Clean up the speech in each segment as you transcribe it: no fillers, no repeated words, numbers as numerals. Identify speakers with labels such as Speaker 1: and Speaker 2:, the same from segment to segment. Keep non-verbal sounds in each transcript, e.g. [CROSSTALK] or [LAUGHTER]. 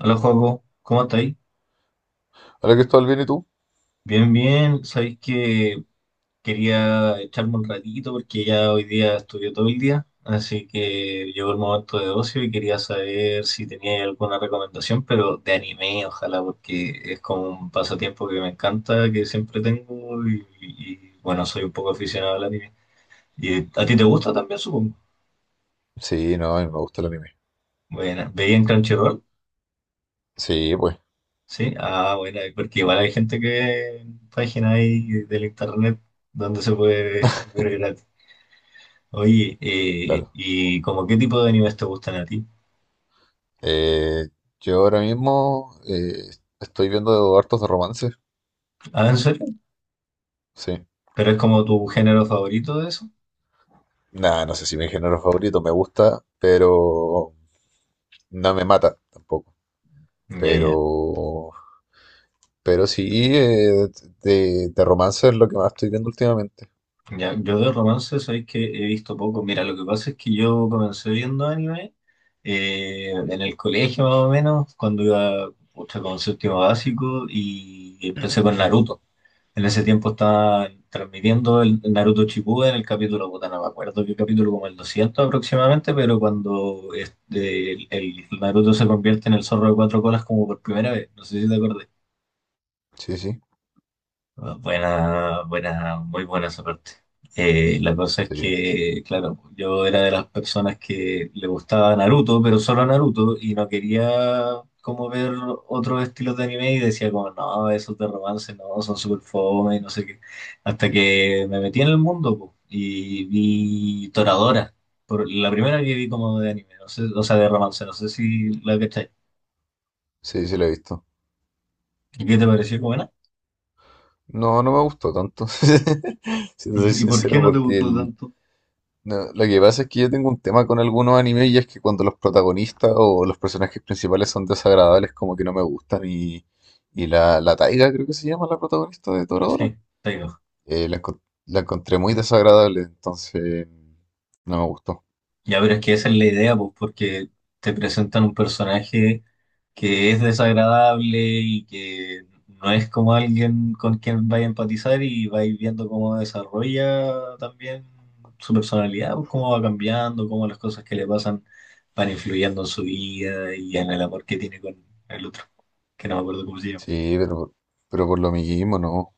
Speaker 1: Hola, Joaco, ¿cómo estáis?
Speaker 2: Hola Cristóbal, ¿bien y tú?
Speaker 1: Bien, bien. Sabéis que quería echarme un ratito porque ya hoy día estudié todo el día, así que llegó el momento de ocio y quería saber si tenía alguna recomendación, pero de anime, ojalá, porque es como un pasatiempo que me encanta, que siempre tengo y bueno, soy un poco aficionado al anime. ¿Y a ti te gusta también, supongo?
Speaker 2: Sí, no, a mí me gusta el anime.
Speaker 1: Bueno, ¿veía en Crunchyroll?
Speaker 2: Sí, pues,
Speaker 1: Sí, ah, bueno, porque igual hay gente que página ahí del internet donde se puede [LAUGHS] ver gratis. Oye,
Speaker 2: claro.
Speaker 1: ¿y como qué tipo de animes te gustan a ti?
Speaker 2: Eh, yo ahora mismo estoy viendo hartos de romance.
Speaker 1: Ah, ¿en serio?
Speaker 2: Sí.
Speaker 1: ¿Pero es como tu género favorito de eso?
Speaker 2: Nada, no sé si mi género favorito me gusta, pero no me mata tampoco.
Speaker 1: Ya, ya.
Speaker 2: Pero, pero sí, de romance es lo que más estoy viendo últimamente.
Speaker 1: Ya, yo de romance sabéis que he visto poco. Mira, lo que pasa es que yo comencé viendo anime en el colegio más o menos, cuando iba pucha, con séptimo básico y empecé con Naruto. En ese tiempo estaba transmitiendo el Naruto Shippuden en el capítulo, puta, no me acuerdo qué capítulo, como el 200 aproximadamente, pero cuando este, el Naruto se convierte en el zorro de cuatro colas como por primera vez, no sé si te acuerdas.
Speaker 2: Sí, sí,
Speaker 1: Buena, buena, muy buena esa parte. La cosa es
Speaker 2: sí,
Speaker 1: que, claro, yo era de las personas que le gustaba Naruto, pero solo Naruto, y no quería como ver otros estilos de anime y decía como, no, esos de romance, no, son súper fome y no sé qué. Hasta que me metí en el mundo po, y vi Toradora, por, la primera que vi como de anime, no sé, o sea, de romance, no sé si la cachai.
Speaker 2: sí, lo he visto.
Speaker 1: ¿Y qué te pareció buena?
Speaker 2: No, no me gustó tanto, [LAUGHS] si te soy
Speaker 1: [LAUGHS] ¿Y por qué
Speaker 2: sincero,
Speaker 1: no te gustó tanto?
Speaker 2: No, lo que pasa es que yo tengo un tema con algunos animes y es que cuando los protagonistas o los personajes principales son desagradables, como que no me gustan. Y la Taiga, creo que se llama la protagonista de
Speaker 1: Sí,
Speaker 2: Toradora,
Speaker 1: está.
Speaker 2: eh, la, encon- la encontré muy desagradable, entonces no me gustó.
Speaker 1: Ya, pero es que esa es la idea, pues, porque te presentan un personaje que es desagradable y que no es como alguien con quien vaya a empatizar y vais viendo cómo desarrolla también su personalidad, pues, cómo va cambiando, cómo las cosas que le pasan van influyendo en su vida y en el amor que tiene con el otro, que no me acuerdo cómo se llama.
Speaker 2: Sí, pero por lo mismo,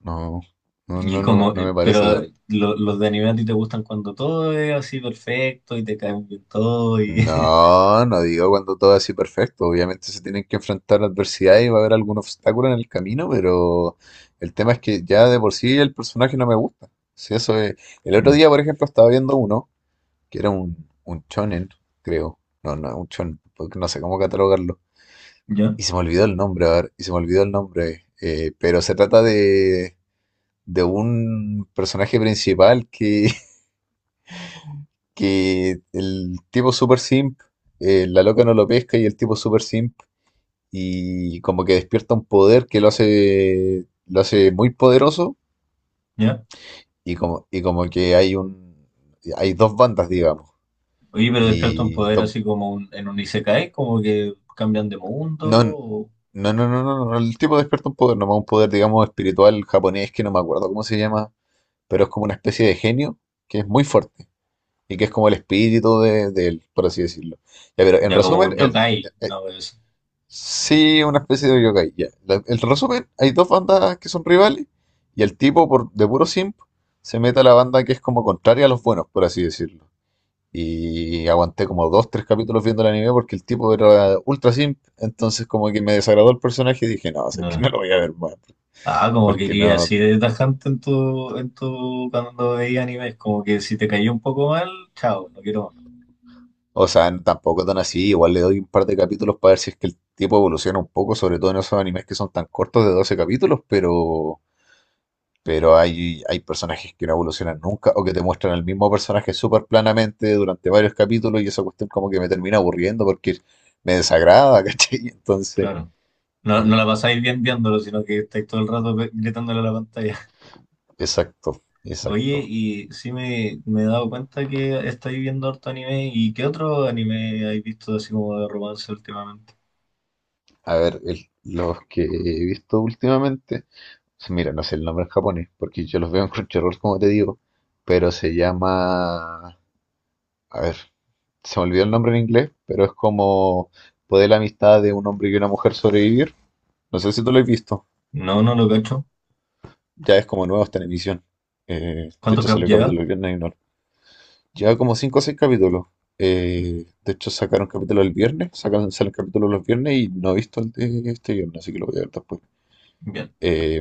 Speaker 2: no,
Speaker 1: Y como,
Speaker 2: no me parece.
Speaker 1: pero los de anime a ti te gustan cuando todo es así perfecto y te caen bien todo y... [LAUGHS]
Speaker 2: No, no digo cuando todo es así perfecto. Obviamente se tienen que enfrentar a adversidad y va a haber algún obstáculo en el camino, pero el tema es que ya de por sí el personaje no me gusta. Si eso es... El otro
Speaker 1: Ya,
Speaker 2: día, por ejemplo, estaba viendo uno que era un shonen, creo. No, no, un shonen, porque no sé cómo catalogarlo.
Speaker 1: ya,
Speaker 2: Y se me olvidó el nombre, a ver, y se me olvidó el nombre. Pero se trata de un personaje principal que, [LAUGHS] que el tipo super simp, la loca no lo pesca y el tipo super simp y como que despierta un poder que lo hace muy poderoso
Speaker 1: ya.
Speaker 2: y como que hay un, hay dos bandas, digamos,
Speaker 1: Oye, pero despiertan
Speaker 2: y
Speaker 1: poder
Speaker 2: dos-
Speaker 1: así como en un Isekai, como que cambian de mundo,
Speaker 2: no, no,
Speaker 1: o
Speaker 2: no, el tipo despierta un poder, nomás un poder, digamos, espiritual japonés que no me acuerdo cómo se llama, pero es como una especie de genio que es muy fuerte y que es como el espíritu de él, por así decirlo. Ya, pero en
Speaker 1: ya como
Speaker 2: resumen,
Speaker 1: un yokai, una vez así.
Speaker 2: Sí, una especie de yokai. Ya. El resumen, hay dos bandas que son rivales y el tipo por, de puro simp se mete a la banda que es como contraria a los buenos, por así decirlo. Y aguanté como dos, tres capítulos viendo el anime porque el tipo era ultra simp, entonces como que me desagradó el personaje y dije, no, sé que
Speaker 1: No.
Speaker 2: no lo voy a ver más,
Speaker 1: Ah, como
Speaker 2: porque
Speaker 1: quería
Speaker 2: no,
Speaker 1: así de tajante en tu, cuando veía animes, como que si te cayó un poco mal, chao, no quiero más,
Speaker 2: o sea, tampoco tan así, igual le doy un par de capítulos para ver si es que el tipo evoluciona un poco, sobre todo en esos animes que son tan cortos de 12 capítulos, pero hay personajes que no evolucionan nunca o que te muestran el mismo personaje súper planamente durante varios capítulos y esa cuestión como que me termina aburriendo porque me desagrada, [LAUGHS] ¿cachai? Entonces,
Speaker 1: claro. No,
Speaker 2: eh,
Speaker 1: no la pasáis bien viéndolo, sino que estáis todo el rato gritándole a la pantalla. [LAUGHS]
Speaker 2: exacto,
Speaker 1: Oye,
Speaker 2: exacto.
Speaker 1: y sí me he dado cuenta que estáis viendo harto anime, ¿y qué otro anime habéis visto así como de romance últimamente?
Speaker 2: A ver, los que he visto últimamente, mira, no sé el nombre en japonés porque yo los veo en Crunchyroll como te digo, pero se llama, a ver, se me olvidó el nombre en inglés, pero es como poder la amistad de un hombre y una mujer sobrevivir. No sé si tú lo has visto.
Speaker 1: No, no lo cacho.
Speaker 2: Ya es como nuevo, está en emisión. De
Speaker 1: ¿Cuánto
Speaker 2: hecho,
Speaker 1: cap
Speaker 2: salió el
Speaker 1: lleva?
Speaker 2: capítulo el viernes y no. Lleva como 5 o 6 capítulos. De hecho, sacaron capítulo el viernes, sacaron, salen capítulos los viernes y no he visto el de este viernes, así que lo voy a ver después. Eh,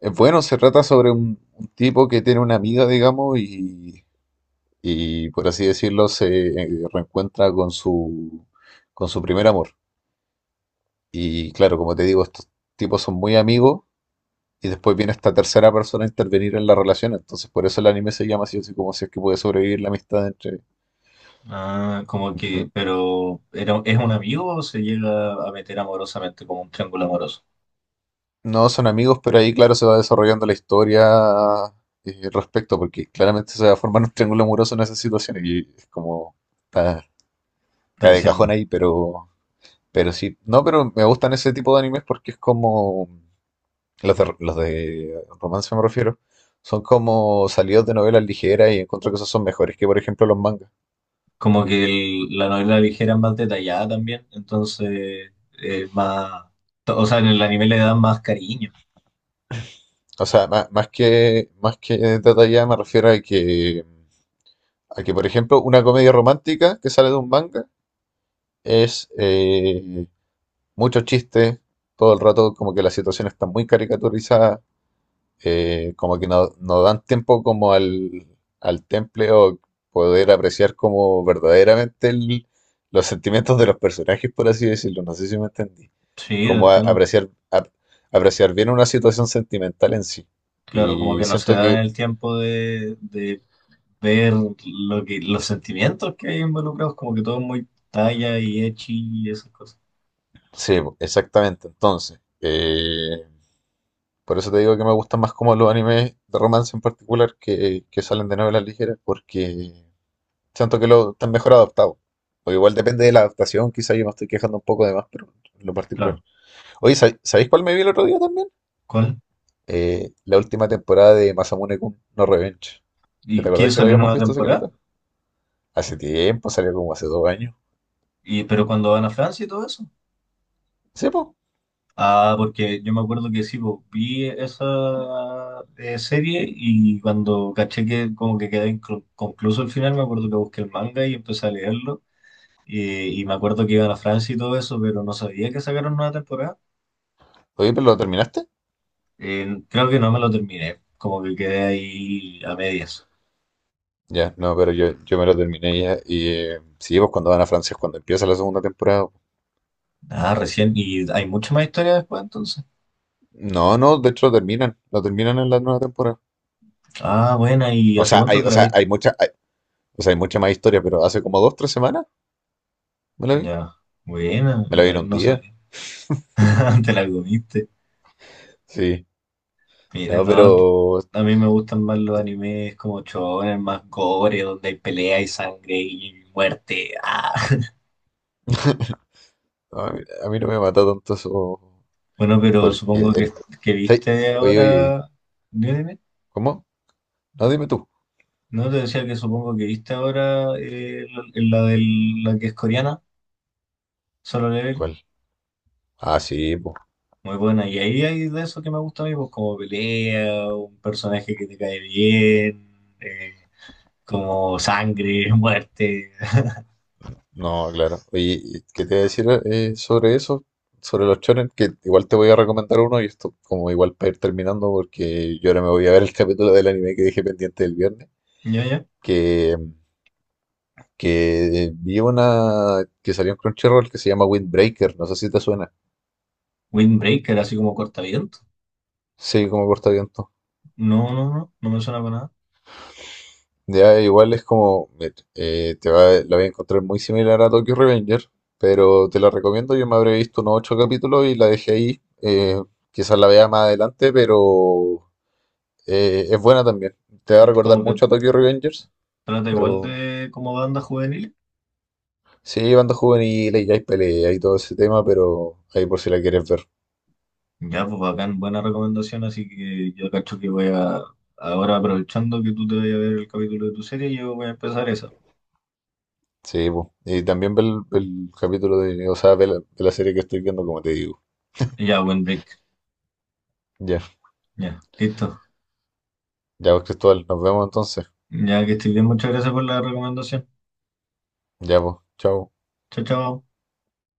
Speaker 2: es bueno, se trata sobre un tipo que tiene una amiga, digamos, y por así decirlo, se reencuentra con su primer amor. Y claro, como te digo, estos tipos son muy amigos. Y después viene esta tercera persona a intervenir en la relación. Entonces, por eso el anime se llama así, así como si es que puede sobrevivir la amistad entre,
Speaker 1: Ah, como
Speaker 2: entre-
Speaker 1: que, pero ¿era, es un amigo o se llega a meter amorosamente como un triángulo amoroso?
Speaker 2: No son amigos, pero ahí, claro, se va desarrollando la historia respecto, porque claramente se va a formar un triángulo amoroso en esas situaciones. Y es como. Está,
Speaker 1: Está
Speaker 2: cae de
Speaker 1: diciendo.
Speaker 2: cajón ahí, pero. Pero sí. No, pero me gustan ese tipo de animes porque es como. Los de romance me refiero. Son como salidos de novelas ligeras y encuentro que esos son mejores que, por ejemplo, los mangas.
Speaker 1: Como que la novela ligera es más detallada también, entonces eh, más, o sea, en el anime le dan más cariño.
Speaker 2: O sea, más que detallada me refiero a que, por ejemplo, una comedia romántica que sale de un manga es mucho chiste, todo el rato como que la situación está muy caricaturizada, como que no, no dan tiempo como al, al temple o poder apreciar como verdaderamente los sentimientos de los personajes, por así decirlo, no sé si me entendí,
Speaker 1: Sí, lo
Speaker 2: como
Speaker 1: entiendo.
Speaker 2: apreciar, apreciar bien una situación sentimental en sí.
Speaker 1: Claro, como
Speaker 2: Y
Speaker 1: que no se
Speaker 2: siento
Speaker 1: da
Speaker 2: que
Speaker 1: el tiempo de ver lo que, los sentimientos que hay involucrados, como que todo es muy talla y echi y esas cosas.
Speaker 2: sí, po, exactamente. Entonces, por eso te digo que me gustan más como los animes de romance en particular que salen de novelas ligeras, porque siento que lo están mejor adaptados. O igual depende de la adaptación, quizás yo me estoy quejando un poco de más, pero en lo particular.
Speaker 1: Claro.
Speaker 2: Oye, ¿sabéis cuál me vi el otro día también?
Speaker 1: ¿Cuál?
Speaker 2: La última temporada de Masamune-kun no Revenge. ¿Que ¿Te
Speaker 1: ¿Y qué
Speaker 2: acordás que lo
Speaker 1: salió
Speaker 2: habíamos
Speaker 1: nueva
Speaker 2: visto, hace
Speaker 1: temporada?
Speaker 2: Secreta? Hace tiempo, salió como hace 2 años.
Speaker 1: ¿Y pero cuando van a Francia y todo eso?
Speaker 2: Sí, pues.
Speaker 1: Ah, porque yo me acuerdo que sí, pues, vi esa serie y cuando caché que como que quedé inconcluso el final, me acuerdo que busqué el manga y empecé a leerlo. Y me acuerdo que iban a Francia y todo eso, pero no sabía que sacaron una temporada.
Speaker 2: Oye, pero ¿lo terminaste?
Speaker 1: Creo que no me lo terminé, como que quedé ahí a medias.
Speaker 2: Ya, no, pero yo me lo terminé ya. Y sí, pues cuando van a Francia es cuando empieza la segunda temporada.
Speaker 1: Ah, recién, y hay mucha más historia después entonces.
Speaker 2: No, no, de hecho lo terminan en la nueva temporada.
Speaker 1: Ah, buena, ¿y hace cuánto te
Speaker 2: O
Speaker 1: la
Speaker 2: sea,
Speaker 1: viste?
Speaker 2: hay mucha, o sea, hay mucha más historia, pero hace como 2, 3 semanas me la vi.
Speaker 1: Ya, buena,
Speaker 2: Me la vi en
Speaker 1: no,
Speaker 2: un
Speaker 1: no
Speaker 2: día.
Speaker 1: sabía. [LAUGHS] Te la comiste.
Speaker 2: Sí.
Speaker 1: Mira,
Speaker 2: No,
Speaker 1: no,
Speaker 2: pero
Speaker 1: a mí me gustan más los animes como shonen, más gore, donde hay pelea y sangre y muerte. ¡Ah!
Speaker 2: [LAUGHS] no, a mí no me mata tanto eso.
Speaker 1: Bueno, pero
Speaker 2: Porque
Speaker 1: supongo
Speaker 2: el-
Speaker 1: que
Speaker 2: sí,
Speaker 1: viste
Speaker 2: oye, oye,
Speaker 1: ahora... Dime, dime.
Speaker 2: ¿cómo? No, dime tú.
Speaker 1: No, te decía que supongo que viste ahora la que es coreana, Solo Level.
Speaker 2: ¿Cuál? Ah, sí, pues.
Speaker 1: Muy buena. Y ahí hay de eso que me gusta a mí, pues como pelea, un personaje que te cae bien, como sangre, [LAUGHS] muerte.
Speaker 2: No, claro. Oye, y ¿qué te voy a decir sobre eso? Sobre los shonen, que igual te voy a recomendar uno y esto como igual para ir terminando porque yo ahora me voy a ver el [LAUGHS] capítulo del anime que dejé pendiente el viernes,
Speaker 1: Ya, ya.
Speaker 2: que, que vi una que salió en Crunchyroll que se llama Windbreaker, no sé si te suena.
Speaker 1: Windbreaker, así como cortavientos.
Speaker 2: Sí, como cortaviento.
Speaker 1: No, no, no, no me suena para nada.
Speaker 2: Ya igual es como, mira, te va, la voy a encontrar muy similar a Tokyo Revenger, pero te la recomiendo, yo me habré visto unos 8 capítulos y la dejé ahí. Quizás la vea más adelante, pero eh, es buena también. Te va a recordar
Speaker 1: Como que
Speaker 2: mucho a Tokyo Revengers,
Speaker 1: trata igual
Speaker 2: pero
Speaker 1: de como banda juvenil.
Speaker 2: sí, banda juvenil y hay pelea y todo ese tema, pero ahí por si la quieres ver.
Speaker 1: Ya, pues bacán, buena recomendación, así que yo cacho que voy a, ahora aprovechando que tú te vayas a ver el capítulo de tu serie, yo voy a empezar esa.
Speaker 2: Sí, po. Y también ve el capítulo de, o sea, ve la serie que estoy viendo, como te digo.
Speaker 1: Ya, buen break,
Speaker 2: Ya,
Speaker 1: ya, listo.
Speaker 2: ya, pues, Cristóbal, nos vemos entonces.
Speaker 1: Ya que estoy bien, muchas gracias por la recomendación.
Speaker 2: Ya, pues, chao.
Speaker 1: Chao, chao.